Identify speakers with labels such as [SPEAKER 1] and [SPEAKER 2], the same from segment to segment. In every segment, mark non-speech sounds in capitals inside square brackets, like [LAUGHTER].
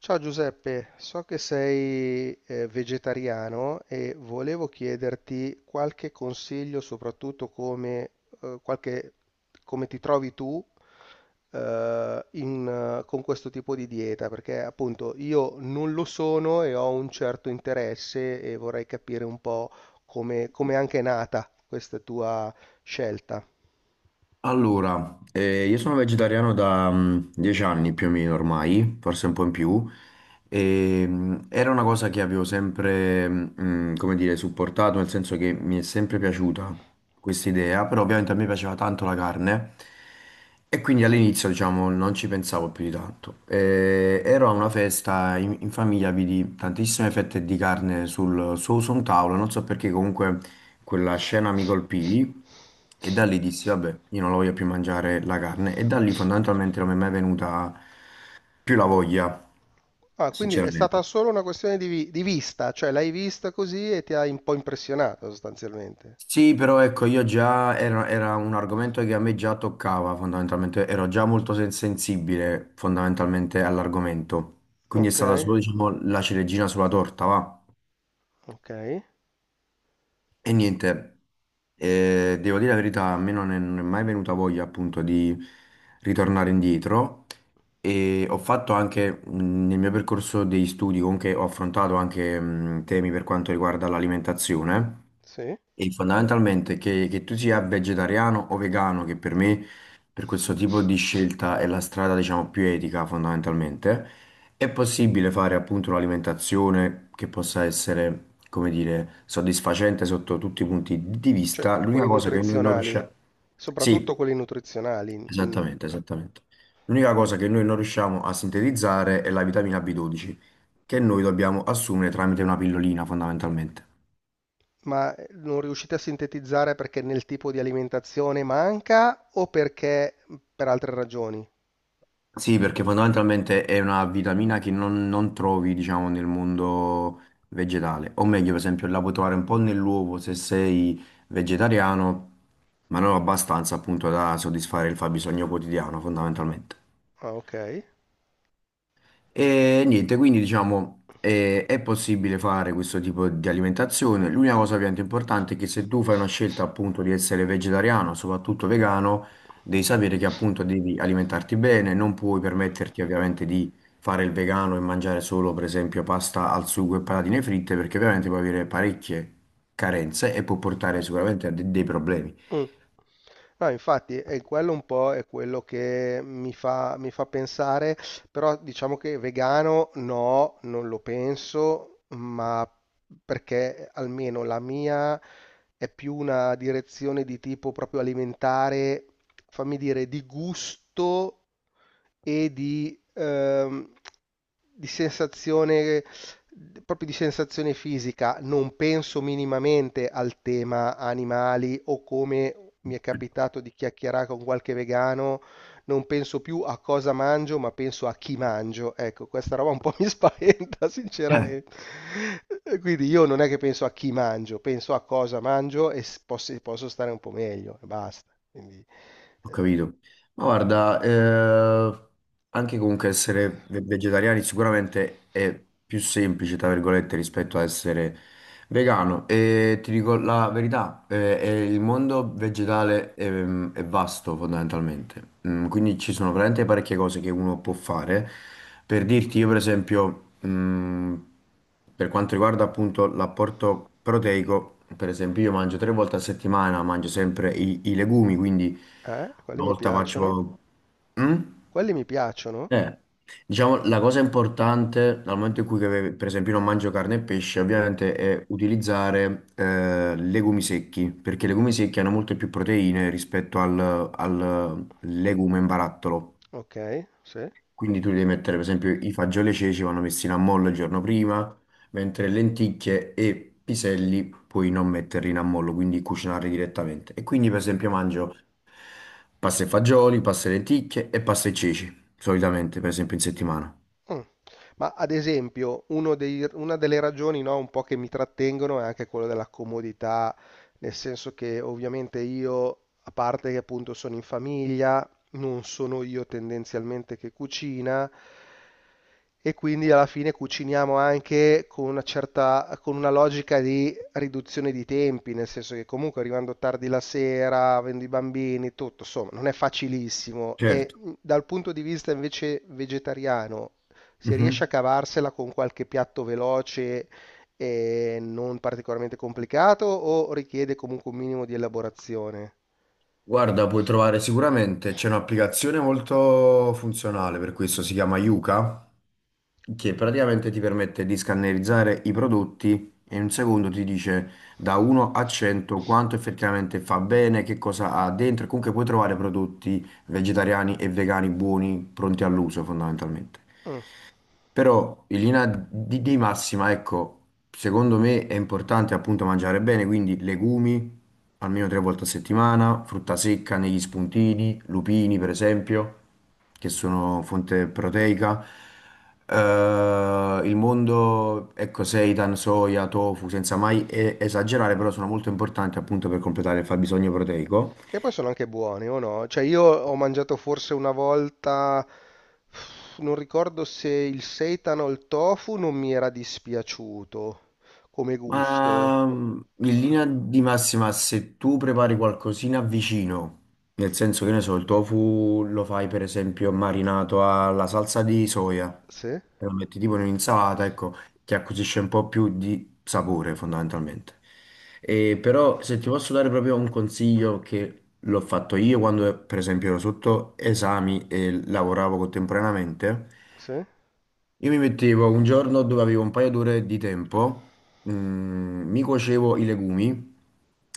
[SPEAKER 1] Ciao Giuseppe, so che sei vegetariano e volevo chiederti qualche consiglio, soprattutto come, eh, qualche- come ti trovi tu eh, in, con questo tipo di dieta, perché appunto io non lo sono e ho un certo interesse e vorrei capire un po' come, come è anche nata questa tua scelta.
[SPEAKER 2] Allora, io sono vegetariano da 10 anni più o meno ormai, forse un po' in più, e, era una cosa che avevo sempre, come dire, supportato, nel senso che mi è sempre piaciuta questa idea, però ovviamente a me piaceva tanto la carne e quindi all'inizio, diciamo, non ci pensavo più di tanto. Ero a una festa in famiglia, vidi tantissime fette di carne sul, su su un tavolo, non so perché comunque quella scena mi colpì e da lì dissi, vabbè, io non la voglio più mangiare la carne e da lì fondamentalmente non mi è mai venuta più la voglia,
[SPEAKER 1] Ah, quindi è stata
[SPEAKER 2] sinceramente.
[SPEAKER 1] solo una questione di, di vista, cioè l'hai vista così e ti ha un po' impressionato sostanzialmente.
[SPEAKER 2] Sì, però ecco, io già era un argomento che a me già toccava fondamentalmente, ero già molto sensibile fondamentalmente all'argomento, quindi è
[SPEAKER 1] Ok,
[SPEAKER 2] stata solo, diciamo, la ciliegina sulla torta, va?
[SPEAKER 1] ok,
[SPEAKER 2] E niente, devo dire la verità, a me non è mai venuta voglia appunto di ritornare indietro e ho fatto anche nel mio percorso degli studi, comunque ho affrontato anche temi per quanto riguarda l'alimentazione
[SPEAKER 1] sì.
[SPEAKER 2] e fondamentalmente che tu sia vegetariano o vegano, che per me per questo tipo di scelta è la strada diciamo più etica fondamentalmente. È possibile fare appunto un'alimentazione che possa essere, come dire, soddisfacente sotto tutti i punti di
[SPEAKER 1] Cioè,
[SPEAKER 2] vista. L'unica
[SPEAKER 1] quelli
[SPEAKER 2] cosa che noi non
[SPEAKER 1] nutrizionali,
[SPEAKER 2] riusciamo... Sì,
[SPEAKER 1] soprattutto quelli nutrizionali. Mm.
[SPEAKER 2] esattamente,
[SPEAKER 1] Ah,
[SPEAKER 2] esattamente. L'unica cosa che noi non riusciamo a sintetizzare è la vitamina B12, che noi dobbiamo assumere tramite una pillolina fondamentalmente.
[SPEAKER 1] ma non riuscite a sintetizzare perché nel tipo di alimentazione manca o perché per altre ragioni?
[SPEAKER 2] Sì, perché fondamentalmente è una vitamina che non trovi, diciamo, nel mondo vegetale. O meglio, per esempio, la puoi trovare un po' nell'uovo se sei vegetariano, ma non abbastanza appunto da soddisfare il fabbisogno quotidiano, fondamentalmente.
[SPEAKER 1] Ah, ok.
[SPEAKER 2] E niente, quindi diciamo è possibile fare questo tipo di alimentazione. L'unica cosa ovviamente importante è che se tu fai una scelta appunto di essere vegetariano, soprattutto vegano, devi sapere che appunto devi alimentarti bene, non puoi permetterti ovviamente di fare il vegano e mangiare solo per esempio pasta al sugo e patatine fritte perché ovviamente puoi avere parecchie carenze e può portare sicuramente a dei problemi.
[SPEAKER 1] Mh. No, infatti, e quello un po' è quello che mi fa pensare, però diciamo che vegano no, non lo penso, ma perché almeno la mia è più una direzione di tipo proprio alimentare, fammi dire, di gusto e di sensazione, proprio di sensazione fisica, non penso minimamente al tema animali o come mi è capitato di chiacchierare con qualche vegano, non penso più a cosa mangio, ma penso a chi mangio. Ecco, questa roba un po' mi spaventa, [LAUGHS]
[SPEAKER 2] [LAUGHS]
[SPEAKER 1] sinceramente. Quindi io non è che penso a chi mangio, penso a cosa mangio e posso, posso stare un po' meglio e basta. Quindi,
[SPEAKER 2] Ho capito. Ma guarda, anche comunque essere vegetariani sicuramente è più semplice, tra virgolette, rispetto a essere vegano. E ti dico la verità, il mondo vegetale è vasto fondamentalmente. Quindi ci sono veramente parecchie cose che uno può fare. Per dirti, io per esempio... per quanto riguarda appunto l'apporto proteico, per esempio io mangio tre volte a settimana, mangio sempre i legumi, quindi
[SPEAKER 1] quelli
[SPEAKER 2] una
[SPEAKER 1] mi
[SPEAKER 2] volta
[SPEAKER 1] piacciono.
[SPEAKER 2] faccio... Mm?
[SPEAKER 1] Quelli mi piacciono?
[SPEAKER 2] Eh, diciamo, la cosa importante dal momento in cui, che, per esempio, io non mangio carne e pesce, ovviamente è utilizzare legumi secchi, perché i legumi secchi hanno molte più proteine rispetto al legume in barattolo.
[SPEAKER 1] Ok, sì. Mm.
[SPEAKER 2] Quindi tu devi mettere, per esempio, i fagioli e i ceci vanno messi in ammollo il giorno prima, mentre lenticchie e piselli puoi non metterli in ammollo, quindi cucinarli direttamente. E quindi, per esempio, mangio pasta e fagioli, pasta e lenticchie e pasta e ceci, solitamente, per esempio, in settimana.
[SPEAKER 1] Ma ad esempio, una delle ragioni, no, un po' che mi trattengono è anche quella della comodità, nel senso che ovviamente io, a parte che appunto sono in famiglia, non sono io tendenzialmente che cucina e quindi alla fine cuciniamo anche con una certa, con una logica di riduzione di tempi, nel senso che comunque arrivando tardi la sera, avendo i bambini, tutto, insomma, non è facilissimo. E
[SPEAKER 2] Certo.
[SPEAKER 1] dal punto di vista invece vegetariano, se riesce a
[SPEAKER 2] Mhm.
[SPEAKER 1] cavarsela con qualche piatto veloce e non particolarmente complicato o richiede comunque un minimo di elaborazione.
[SPEAKER 2] Guarda, puoi trovare sicuramente, c'è un'applicazione molto funzionale per questo, si chiama Yuka, che praticamente ti permette di scannerizzare i prodotti e in un secondo ti dice da 1 a 100 quanto effettivamente fa bene, che cosa ha dentro e comunque puoi trovare prodotti vegetariani e vegani buoni, pronti all'uso fondamentalmente.
[SPEAKER 1] Mm,
[SPEAKER 2] Però in linea di massima, ecco, secondo me è importante appunto mangiare bene, quindi legumi almeno tre volte a settimana, frutta secca negli spuntini, lupini per esempio, che sono fonte proteica. Il mondo, ecco, seitan, soia, tofu, senza mai esagerare, però sono molto importanti appunto per completare il fabbisogno proteico.
[SPEAKER 1] che poi sono anche buoni o no? Cioè io ho mangiato forse una volta, non ricordo se il seitan o il tofu, non mi era dispiaciuto come gusto.
[SPEAKER 2] Ma in
[SPEAKER 1] Ah,
[SPEAKER 2] linea di massima, se tu prepari qualcosina vicino, nel senso che ne so, il tofu lo fai per esempio marinato alla salsa di soia,
[SPEAKER 1] sì,
[SPEAKER 2] e lo metti tipo in un'insalata, ecco, ti acquisisce un po' più di sapore fondamentalmente. E però se ti posso dare proprio un consiglio che l'ho fatto io quando per esempio ero sotto esami e lavoravo contemporaneamente,
[SPEAKER 1] sì,
[SPEAKER 2] io mi mettevo un giorno dove avevo un paio d'ore di tempo, mi cuocevo i legumi,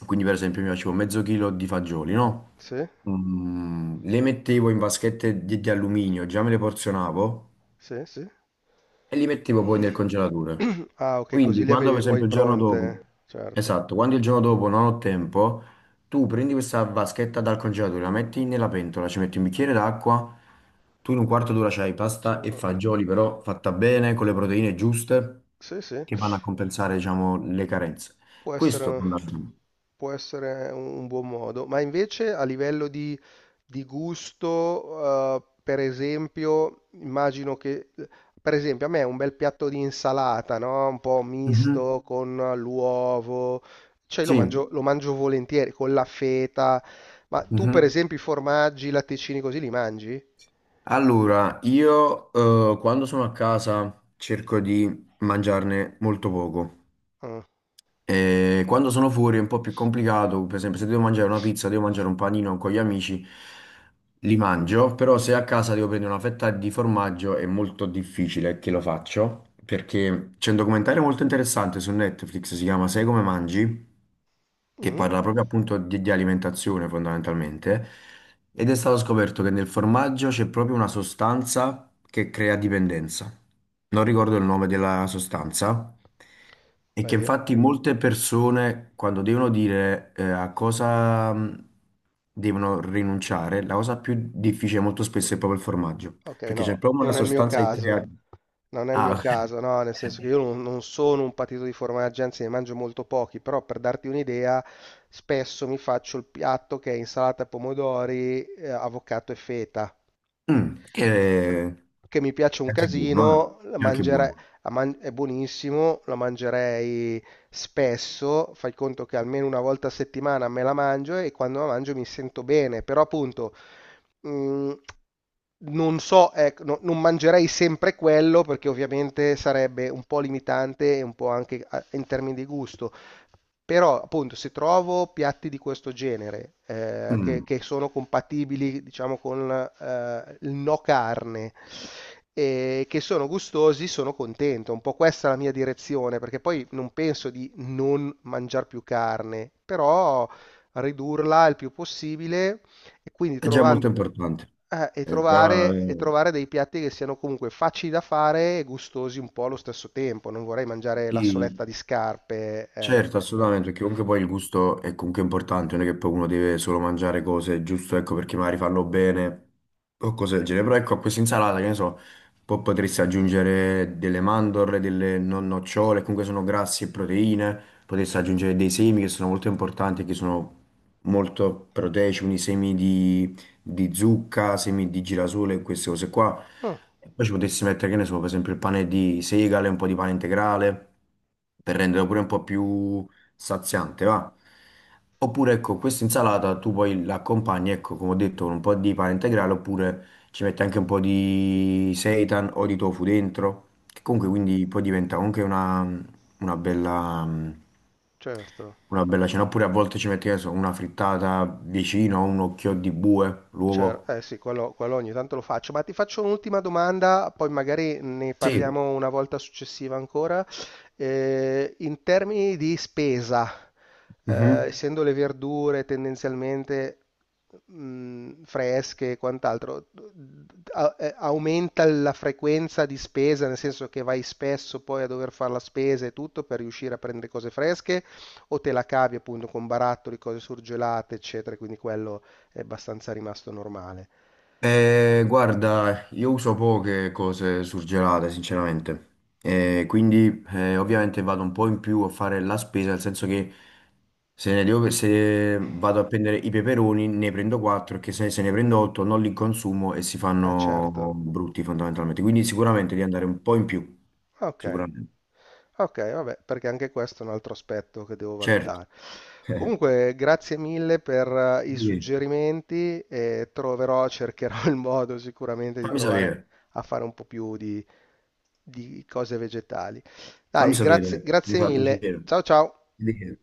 [SPEAKER 2] quindi per esempio mi facevo mezzo chilo di fagioli, no?
[SPEAKER 1] sì,
[SPEAKER 2] Le mettevo in vaschette di alluminio, già me le porzionavo,
[SPEAKER 1] sì, sì.
[SPEAKER 2] e li mettevo poi nel congelatore.
[SPEAKER 1] Ah, ok, così
[SPEAKER 2] Quindi,
[SPEAKER 1] le
[SPEAKER 2] quando per
[SPEAKER 1] avevi poi
[SPEAKER 2] esempio il giorno dopo,
[SPEAKER 1] pronte. Certo,
[SPEAKER 2] esatto, quando il giorno dopo non ho tempo, tu prendi questa vaschetta dal congelatore, la metti nella pentola, ci metti un bicchiere d'acqua, tu in un quarto d'ora c'hai pasta e
[SPEAKER 1] certo.
[SPEAKER 2] fagioli, però fatta bene, con le proteine giuste,
[SPEAKER 1] Sì, sì.
[SPEAKER 2] che vanno a compensare, diciamo, le carenze.
[SPEAKER 1] Può
[SPEAKER 2] Questo
[SPEAKER 1] essere,
[SPEAKER 2] fondamentalmente.
[SPEAKER 1] può essere un buon modo, ma invece a livello di gusto, per esempio, immagino che, per esempio, a me un bel piatto di insalata, no? Un po'
[SPEAKER 2] Mhm.
[SPEAKER 1] misto con l'uovo, cioè
[SPEAKER 2] Sì.
[SPEAKER 1] lo mangio volentieri con la feta, ma tu per
[SPEAKER 2] Mhm.
[SPEAKER 1] esempio i formaggi, i latticini così li mangi?
[SPEAKER 2] Allora, io quando sono a casa cerco di mangiarne molto poco.
[SPEAKER 1] Ah.
[SPEAKER 2] E quando sono fuori è un po' più complicato, per esempio se devo mangiare una pizza, devo mangiare un panino con gli amici, li mangio, però se a casa devo prendere una fetta di formaggio è molto difficile che lo faccio, perché c'è un documentario molto interessante su Netflix, si chiama Sei come mangi, che
[SPEAKER 1] Mm?
[SPEAKER 2] parla proprio appunto di alimentazione fondamentalmente, ed è stato scoperto che nel formaggio c'è proprio una sostanza che crea dipendenza. Non ricordo il nome della sostanza, e
[SPEAKER 1] Beh,
[SPEAKER 2] che infatti molte persone quando devono dire a cosa devono rinunciare, la cosa più difficile molto spesso è proprio il formaggio,
[SPEAKER 1] ok,
[SPEAKER 2] perché c'è
[SPEAKER 1] no,
[SPEAKER 2] proprio una
[SPEAKER 1] non è il mio
[SPEAKER 2] sostanza che
[SPEAKER 1] caso.
[SPEAKER 2] crea...
[SPEAKER 1] Non è il mio
[SPEAKER 2] Ah,
[SPEAKER 1] caso, no, nel senso che io
[SPEAKER 2] [LAUGHS]
[SPEAKER 1] non, non sono un patito di formaggi, anzi ne mangio molto pochi, però per darti un'idea, spesso mi faccio il piatto che è insalata pomodori, avocado e feta.
[SPEAKER 2] Che è
[SPEAKER 1] Che mi piace un
[SPEAKER 2] anche buono, eh.
[SPEAKER 1] casino, la
[SPEAKER 2] È anche
[SPEAKER 1] mangerei
[SPEAKER 2] buono.
[SPEAKER 1] è buonissimo, la mangerei spesso, fai conto che almeno una volta a settimana me la mangio e quando la mangio mi sento bene, però appunto mh, non so, ecco, non mangerei sempre quello perché ovviamente sarebbe un po' limitante e un po' anche in termini di gusto. Però, appunto, se trovo piatti di questo genere
[SPEAKER 2] Mm.
[SPEAKER 1] che sono compatibili, diciamo, con il no carne e che sono gustosi, sono contento. Un po' questa è la mia direzione, perché poi non penso di non mangiare più carne, però ridurla il più possibile e quindi
[SPEAKER 2] È già molto
[SPEAKER 1] trovando,
[SPEAKER 2] importante, è già,
[SPEAKER 1] e trovare dei piatti che siano comunque facili da fare e gustosi un po' allo stesso tempo. Non vorrei mangiare la
[SPEAKER 2] sì,
[SPEAKER 1] soletta di scarpe,
[SPEAKER 2] certo,
[SPEAKER 1] ecco. Eh.
[SPEAKER 2] assolutamente, perché comunque poi il gusto è comunque importante, non è che poi uno deve solo mangiare cose, giusto, ecco, perché magari fanno bene o cose del genere, però ecco, a questa insalata, che ne so, poi potresti aggiungere delle mandorle, delle non nocciole, comunque sono grassi e proteine, potresti aggiungere dei semi che sono molto importanti, che sono molto proteici, quindi semi di zucca, semi di girasole e queste cose qua.
[SPEAKER 1] Mm,
[SPEAKER 2] E poi ci potessi mettere, che ne so, per esempio il pane di segale, un po' di pane integrale, per renderlo pure un po' più saziante, va? Oppure, ecco, questa insalata tu poi l'accompagni, ecco, come ho detto, con un po' di pane integrale, oppure ci metti anche un po' di seitan o di tofu dentro, che comunque quindi poi diventa anche una bella, mm,
[SPEAKER 1] certo.
[SPEAKER 2] una bella cena. Oppure a volte ci metti, che ne so, una frittata vicino, un occhio di bue,
[SPEAKER 1] Cer
[SPEAKER 2] l'uovo.
[SPEAKER 1] eh sì, quello ogni tanto lo faccio, ma ti faccio un'ultima domanda, poi magari ne
[SPEAKER 2] Sì.
[SPEAKER 1] parliamo una volta successiva ancora. In termini di spesa, eh,
[SPEAKER 2] Mhm.
[SPEAKER 1] essendo le verdure tendenzialmente fresche e quant'altro, aumenta la frequenza di spesa, nel senso che vai spesso poi a dover fare la spesa e tutto per riuscire a prendere cose fresche, o te la cavi appunto con barattoli, cose surgelate, eccetera, quindi quello è abbastanza rimasto normale.
[SPEAKER 2] Guarda, io uso poche cose surgelate, sinceramente. Quindi ovviamente vado un po' in più a fare la spesa, nel senso che se ne devo- se vado a prendere i peperoni ne prendo 4, perché se ne prendo 8 non li consumo e si
[SPEAKER 1] Eh
[SPEAKER 2] fanno
[SPEAKER 1] certo,
[SPEAKER 2] brutti fondamentalmente. Quindi sicuramente di andare un po' in più,
[SPEAKER 1] ok,
[SPEAKER 2] sicuramente.
[SPEAKER 1] ok, vabbè, perché anche questo è un altro aspetto che devo
[SPEAKER 2] Certo.
[SPEAKER 1] valutare.
[SPEAKER 2] [LAUGHS]
[SPEAKER 1] Comunque, grazie mille per i
[SPEAKER 2] Di che?
[SPEAKER 1] suggerimenti e troverò, [LAUGHS] cercherò il modo sicuramente di
[SPEAKER 2] Fammi sapere,
[SPEAKER 1] provare a fare un po' più di cose vegetali.
[SPEAKER 2] fammi
[SPEAKER 1] Dai, grazie,
[SPEAKER 2] sapere, mi
[SPEAKER 1] grazie
[SPEAKER 2] fa
[SPEAKER 1] mille.
[SPEAKER 2] piacere.
[SPEAKER 1] Ciao ciao.
[SPEAKER 2] Di che?